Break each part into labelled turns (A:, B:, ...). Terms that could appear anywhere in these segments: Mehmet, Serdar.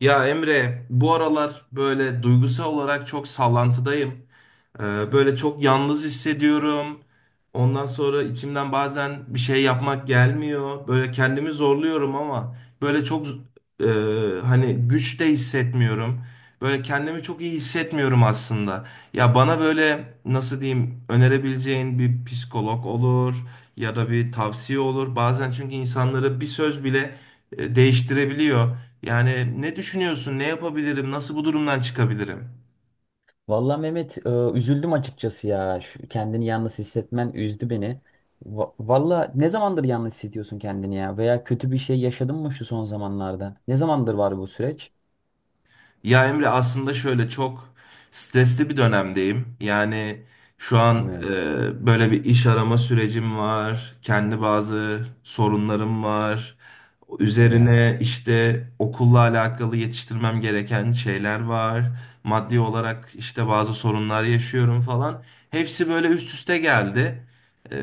A: Ya Emre, bu aralar böyle duygusal olarak çok sallantıdayım. Ee, böyle çok yalnız hissediyorum. Ondan sonra içimden bazen bir şey yapmak gelmiyor. Böyle kendimi zorluyorum ama böyle çok e, hani güç de hissetmiyorum. Böyle kendimi çok iyi hissetmiyorum aslında. Ya bana böyle nasıl diyeyim önerebileceğin bir psikolog olur ya da bir tavsiye olur. Bazen çünkü insanları bir söz bile değiştirebiliyor. Yani ne düşünüyorsun, ne yapabilirim, nasıl bu durumdan çıkabilirim?
B: Vallahi Mehmet üzüldüm açıkçası ya. Şu, kendini yalnız hissetmen üzdü beni. Valla ne zamandır yalnız hissediyorsun kendini ya? Veya kötü bir şey yaşadın mı şu son zamanlarda? Ne zamandır var bu süreç?
A: Ya Emre aslında şöyle çok stresli bir dönemdeyim. Yani şu an
B: Evet,
A: e, böyle bir iş arama sürecim var. Kendi bazı sorunlarım var.
B: hadi ya.
A: Üzerine işte okulla alakalı yetiştirmem gereken şeyler var. Maddi olarak işte bazı sorunlar yaşıyorum falan. Hepsi böyle üst üste geldi. E,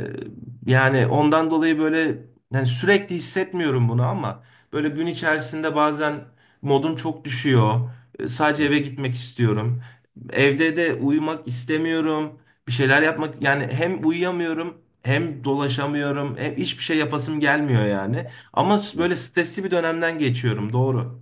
A: yani ondan dolayı böyle yani sürekli hissetmiyorum bunu ama böyle gün içerisinde bazen modum çok düşüyor. Sadece
B: Evet,
A: eve gitmek istiyorum. Evde de uyumak istemiyorum. Bir şeyler yapmak yani hem uyuyamıyorum hem dolaşamıyorum. Hem hiçbir şey yapasım gelmiyor yani. Ama
B: evet.
A: böyle stresli bir dönemden geçiyorum doğru.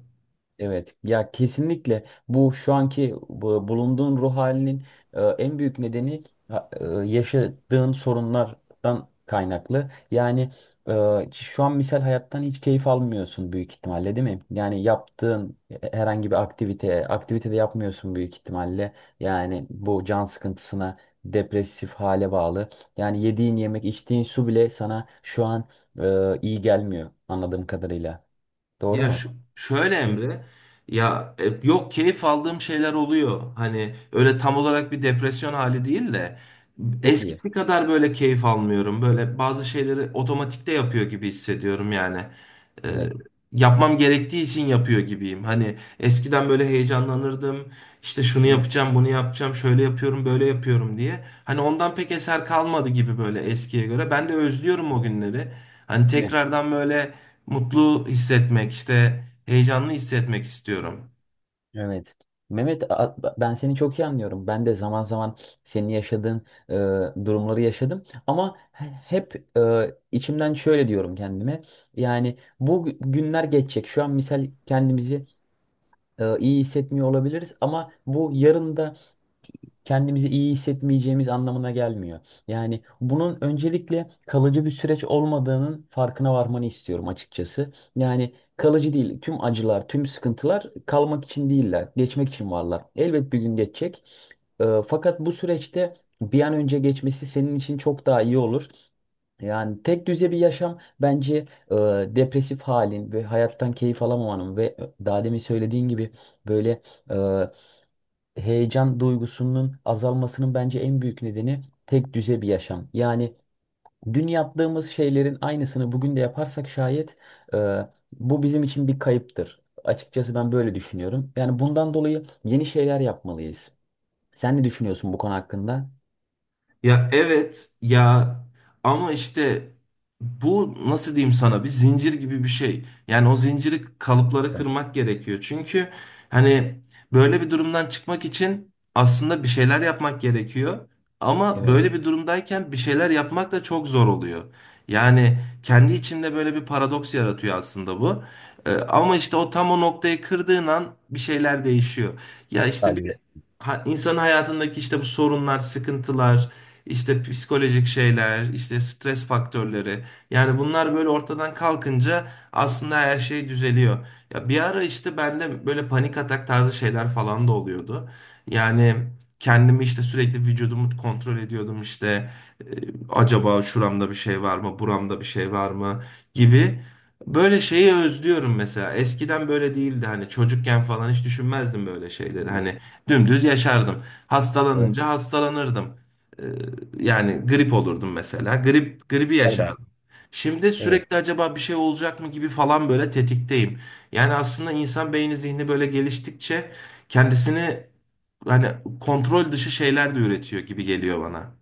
B: Evet ya, kesinlikle bu şu anki bu bulunduğun ruh halinin en büyük nedeni yaşadığın sorunlardan kaynaklı. Yani şu an misal hayattan hiç keyif almıyorsun büyük ihtimalle, değil mi? Yani yaptığın herhangi bir aktivite, aktivite de yapmıyorsun büyük ihtimalle. Yani bu can sıkıntısına, depresif hale bağlı. Yani yediğin yemek, içtiğin su bile sana şu an iyi gelmiyor anladığım kadarıyla. Doğru
A: Ya
B: mu?
A: şu, şöyle
B: İyi.
A: Emre, ya yok keyif aldığım şeyler oluyor. Hani öyle tam olarak bir depresyon hali değil de
B: Çok iyi.
A: eskisi kadar böyle keyif almıyorum. Böyle bazı şeyleri otomatikte yapıyor gibi hissediyorum yani. E,
B: Evet.
A: yapmam gerektiği için yapıyor gibiyim. Hani eskiden böyle heyecanlanırdım. İşte şunu
B: Değil mi?
A: yapacağım, bunu yapacağım, şöyle yapıyorum, böyle yapıyorum diye. Hani ondan pek eser kalmadı gibi böyle eskiye göre. Ben de özlüyorum o günleri. Hani
B: Değil mi?
A: tekrardan böyle mutlu hissetmek, işte heyecanlı hissetmek istiyorum.
B: Evet. Mehmet, ben seni çok iyi anlıyorum. Ben de zaman zaman senin yaşadığın durumları yaşadım. Ama hep içimden şöyle diyorum kendime. Yani bu günler geçecek. Şu an misal kendimizi iyi hissetmiyor olabiliriz. Ama bu yarın da kendimizi iyi hissetmeyeceğimiz anlamına gelmiyor. Yani bunun öncelikle kalıcı bir süreç olmadığının farkına varmanı istiyorum açıkçası. Yani kalıcı değil. Tüm acılar, tüm sıkıntılar kalmak için değiller. Geçmek için varlar. Elbet bir gün geçecek. Fakat bu süreçte bir an önce geçmesi senin için çok daha iyi olur. Yani tek düze bir yaşam bence e, depresif halin ve hayattan keyif alamamanın ve daha demin söylediğin gibi böyle e, heyecan duygusunun azalmasının bence en büyük nedeni tek düze bir yaşam. Yani dün yaptığımız şeylerin aynısını bugün de yaparsak şayet e, bu bizim için bir kayıptır. Açıkçası ben böyle düşünüyorum. Yani bundan dolayı yeni şeyler yapmalıyız. Sen ne düşünüyorsun bu konu hakkında?
A: Ya evet ya ama işte bu nasıl diyeyim sana bir zincir gibi bir şey. Yani o zinciri kalıpları
B: Evet,
A: kırmak gerekiyor. Çünkü hani böyle bir durumdan çıkmak için aslında bir şeyler yapmak gerekiyor. Ama
B: evet,
A: böyle bir durumdayken bir şeyler yapmak da çok zor oluyor. Yani kendi içinde böyle bir paradoks yaratıyor aslında bu. Ama işte o tam o noktayı kırdığın an bir şeyler değişiyor. Ya
B: daha
A: işte
B: güzel
A: bir insanın hayatındaki işte bu sorunlar, sıkıntılar, işte psikolojik şeyler, işte stres faktörleri. Yani bunlar böyle ortadan kalkınca aslında her şey düzeliyor. Ya bir ara işte bende böyle panik atak tarzı şeyler falan da oluyordu. Yani kendimi işte sürekli vücudumu kontrol ediyordum işte e, acaba şuramda bir şey var mı, buramda bir şey var mı gibi. Böyle şeyi özlüyorum mesela. Eskiden böyle değildi hani çocukken falan hiç düşünmezdim böyle şeyleri.
B: düşünüyorum.
A: Hani dümdüz yaşardım.
B: Evet,
A: Hastalanınca hastalanırdım. E, yani grip olurdum mesela. Gribi Hı.
B: Serdar,
A: yaşardım. Şimdi
B: evet,
A: sürekli acaba bir şey olacak mı gibi falan böyle tetikteyim. Yani aslında insan beyni zihni böyle geliştikçe kendisini hani kontrol dışı şeyler de üretiyor gibi geliyor bana.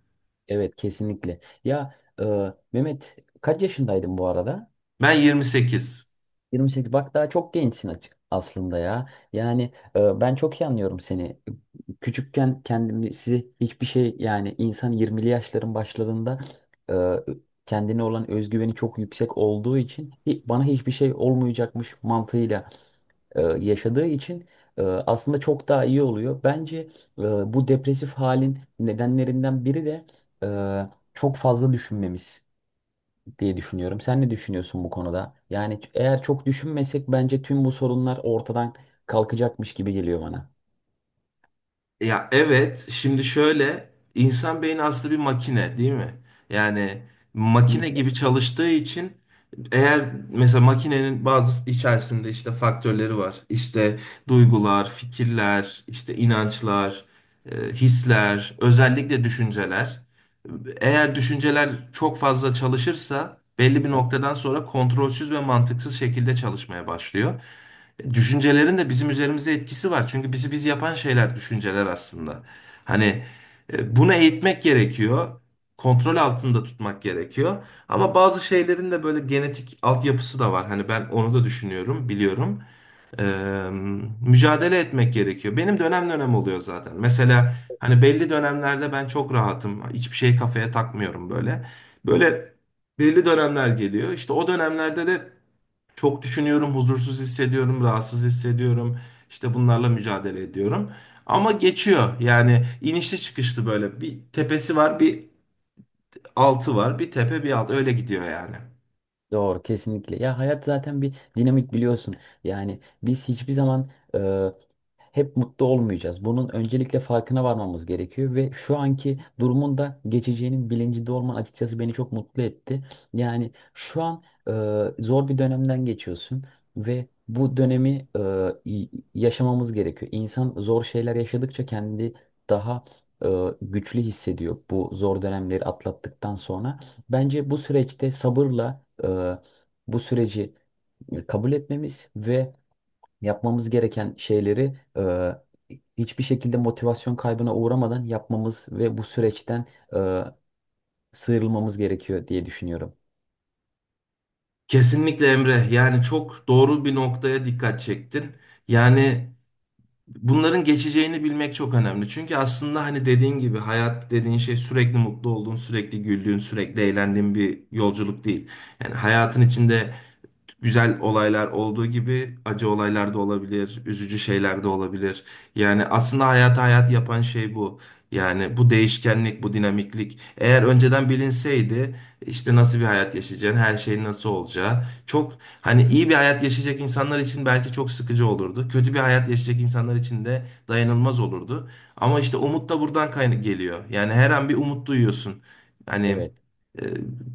B: evet, kesinlikle. Ya e, Mehmet, kaç yaşındaydın bu arada?
A: Ben 28.
B: 28, bak daha çok gençsin açık aslında ya. Yani ben çok iyi anlıyorum seni. Küçükken kendimi size hiçbir şey, yani insan 20'li yaşların başlarında e, kendine olan özgüveni çok yüksek olduğu için bana hiçbir şey olmayacakmış mantığıyla yaşadığı için aslında çok daha iyi oluyor. Bence e, bu depresif halin nedenlerinden biri de çok fazla düşünmemiz diye düşünüyorum. Sen ne düşünüyorsun bu konuda? Yani eğer çok düşünmesek bence tüm bu sorunlar ortadan kalkacakmış gibi geliyor bana.
A: Ya evet, şimdi şöyle insan beyni aslında bir makine değil mi? Yani makine
B: Kesinlikle.
A: gibi çalıştığı için eğer mesela makinenin bazı içerisinde işte faktörleri var. İşte duygular, fikirler, işte inançlar, hisler, özellikle düşünceler. Eğer düşünceler çok fazla çalışırsa belli bir noktadan sonra kontrolsüz ve mantıksız şekilde çalışmaya başlıyor düşüncelerin de bizim üzerimize etkisi var. Çünkü bizi biz yapan şeyler düşünceler aslında. Hani bunu eğitmek gerekiyor. Kontrol altında tutmak gerekiyor. Ama bazı şeylerin de böyle genetik altyapısı da var. Hani ben onu da düşünüyorum, biliyorum. Ee, mücadele etmek gerekiyor. Benim dönem dönem oluyor zaten. Mesela hani belli dönemlerde ben çok rahatım. Hiçbir şey kafaya takmıyorum böyle. Böyle belli dönemler geliyor. İşte o dönemlerde de çok düşünüyorum, huzursuz hissediyorum, rahatsız hissediyorum. İşte bunlarla mücadele ediyorum. Ama geçiyor. Yani inişli çıkışlı böyle. Bir tepesi var, bir altı var, bir tepe, bir alt. Öyle gidiyor yani.
B: Doğru, kesinlikle. Ya hayat zaten bir dinamik, biliyorsun. Yani biz hiçbir zaman e, hep mutlu olmayacağız. Bunun öncelikle farkına varmamız gerekiyor ve şu anki durumun da geçeceğinin bilincinde olman açıkçası beni çok mutlu etti. Yani şu an zor bir dönemden geçiyorsun ve bu dönemi yaşamamız gerekiyor. İnsan zor şeyler yaşadıkça kendi daha e, güçlü hissediyor bu zor dönemleri atlattıktan sonra. Bence bu süreçte sabırla bu süreci kabul etmemiz ve yapmamız gereken şeyleri hiçbir şekilde motivasyon kaybına uğramadan yapmamız ve bu süreçten e, sıyrılmamız gerekiyor diye düşünüyorum.
A: Kesinlikle Emre. Yani çok doğru bir noktaya dikkat çektin. Yani bunların geçeceğini bilmek çok önemli. Çünkü aslında hani dediğin gibi hayat dediğin şey sürekli mutlu olduğun, sürekli güldüğün, sürekli eğlendiğin bir yolculuk değil. Yani hayatın içinde güzel olaylar olduğu gibi acı olaylar da olabilir, üzücü şeyler de olabilir. Yani aslında hayatı hayat yapan şey bu. Yani bu değişkenlik, bu dinamiklik. Eğer önceden bilinseydi işte nasıl bir hayat yaşayacağın, her şeyin nasıl olacağı. Çok hani iyi bir hayat yaşayacak insanlar için belki çok sıkıcı olurdu. Kötü bir hayat yaşayacak insanlar için de dayanılmaz olurdu. Ama işte umut da buradan kaynak geliyor. Yani her an bir umut duyuyorsun. Hani
B: Evet,
A: e,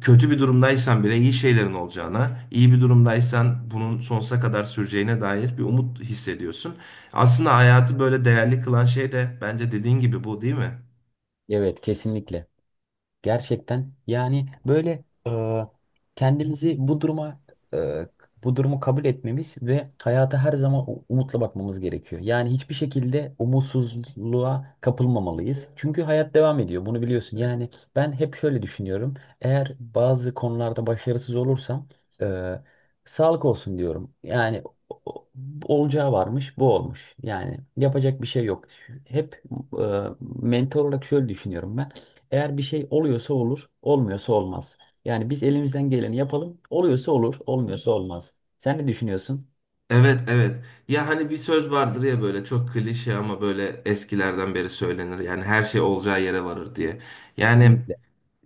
A: kötü bir durumdaysan bile iyi şeylerin olacağına, iyi bir durumdaysan bunun sonsuza kadar süreceğine dair bir umut hissediyorsun. Aslında hayatı böyle değerli kılan şey de bence dediğin gibi bu değil mi?
B: evet, kesinlikle. Gerçekten, yani böyle kendimizi bu duruma e, bu durumu kabul etmemiz ve hayata her zaman umutla bakmamız gerekiyor. Yani hiçbir şekilde umutsuzluğa kapılmamalıyız. Çünkü hayat devam ediyor. Bunu biliyorsun. Yani ben hep şöyle düşünüyorum. Eğer bazı konularda başarısız olursam e, sağlık olsun diyorum. Yani o- o- olacağı varmış, bu olmuş. Yani yapacak bir şey yok. Hep e, mental olarak şöyle düşünüyorum ben. Eğer bir şey oluyorsa olur, olmuyorsa olmaz. Yani biz elimizden geleni yapalım. Oluyorsa olur, olmuyorsa olmaz. Sen ne düşünüyorsun?
A: Evet evet. Ya hani bir söz vardır ya böyle çok klişe ama böyle eskilerden beri söylenir. Yani her şey olacağı yere varır diye. Yani
B: Kesinlikle.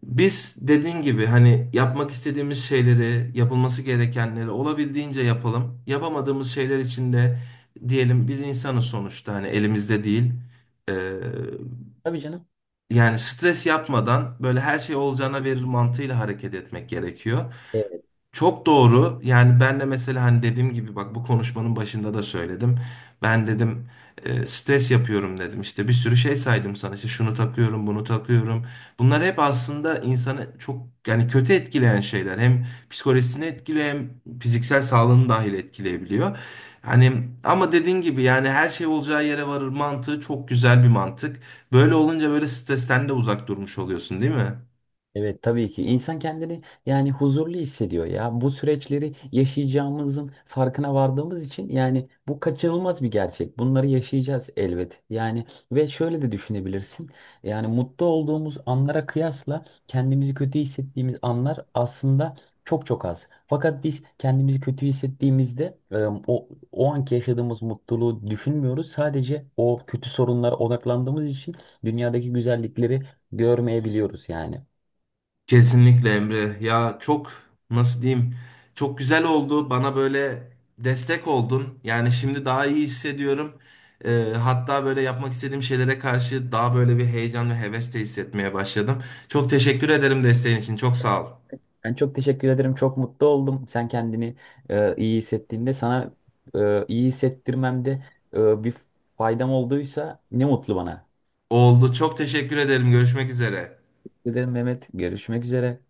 A: biz dediğin gibi hani yapmak istediğimiz şeyleri, yapılması gerekenleri olabildiğince yapalım. Yapamadığımız şeyler için de diyelim biz insanız sonuçta hani elimizde değil. Ee,
B: Tabii canım.
A: yani stres yapmadan böyle her şey olacağına verir mantığıyla hareket etmek gerekiyor. Çok doğru. Yani ben de mesela hani dediğim gibi bak bu konuşmanın başında da söyledim. Ben dedim stres yapıyorum dedim. İşte bir sürü şey saydım sana. İşte şunu takıyorum, bunu takıyorum. Bunlar hep aslında insanı çok yani kötü etkileyen şeyler. Hem psikolojisini etkiliyor hem fiziksel sağlığını dahil etkileyebiliyor. Hani ama dediğin gibi yani her şey olacağı yere varır mantığı çok güzel bir mantık. Böyle olunca böyle stresten de uzak durmuş oluyorsun, değil mi?
B: Evet, tabii ki insan kendini yani huzurlu hissediyor ya. Bu süreçleri yaşayacağımızın farkına vardığımız için, yani bu kaçınılmaz bir gerçek. Bunları yaşayacağız elbet. Yani ve şöyle de düşünebilirsin. Yani mutlu olduğumuz anlara kıyasla kendimizi kötü hissettiğimiz anlar aslında çok çok az. Fakat biz kendimizi kötü hissettiğimizde o anki yaşadığımız mutluluğu düşünmüyoruz. Sadece o kötü sorunlara odaklandığımız için dünyadaki güzellikleri görmeyebiliyoruz yani.
A: Kesinlikle Emre. Ya çok nasıl diyeyim? Çok güzel oldu. Bana böyle destek oldun. Yani şimdi daha iyi hissediyorum. Hatta böyle yapmak istediğim şeylere karşı daha böyle bir heyecan ve heves de hissetmeye başladım. Çok teşekkür ederim desteğin için. Çok sağ ol.
B: Ben çok teşekkür ederim. Çok mutlu oldum. Sen kendini iyi hissettiğinde sana iyi hissettirmemde bir faydam olduysa ne mutlu bana.
A: Oldu. Çok teşekkür ederim. Görüşmek üzere.
B: Teşekkür ederim Mehmet. Görüşmek üzere.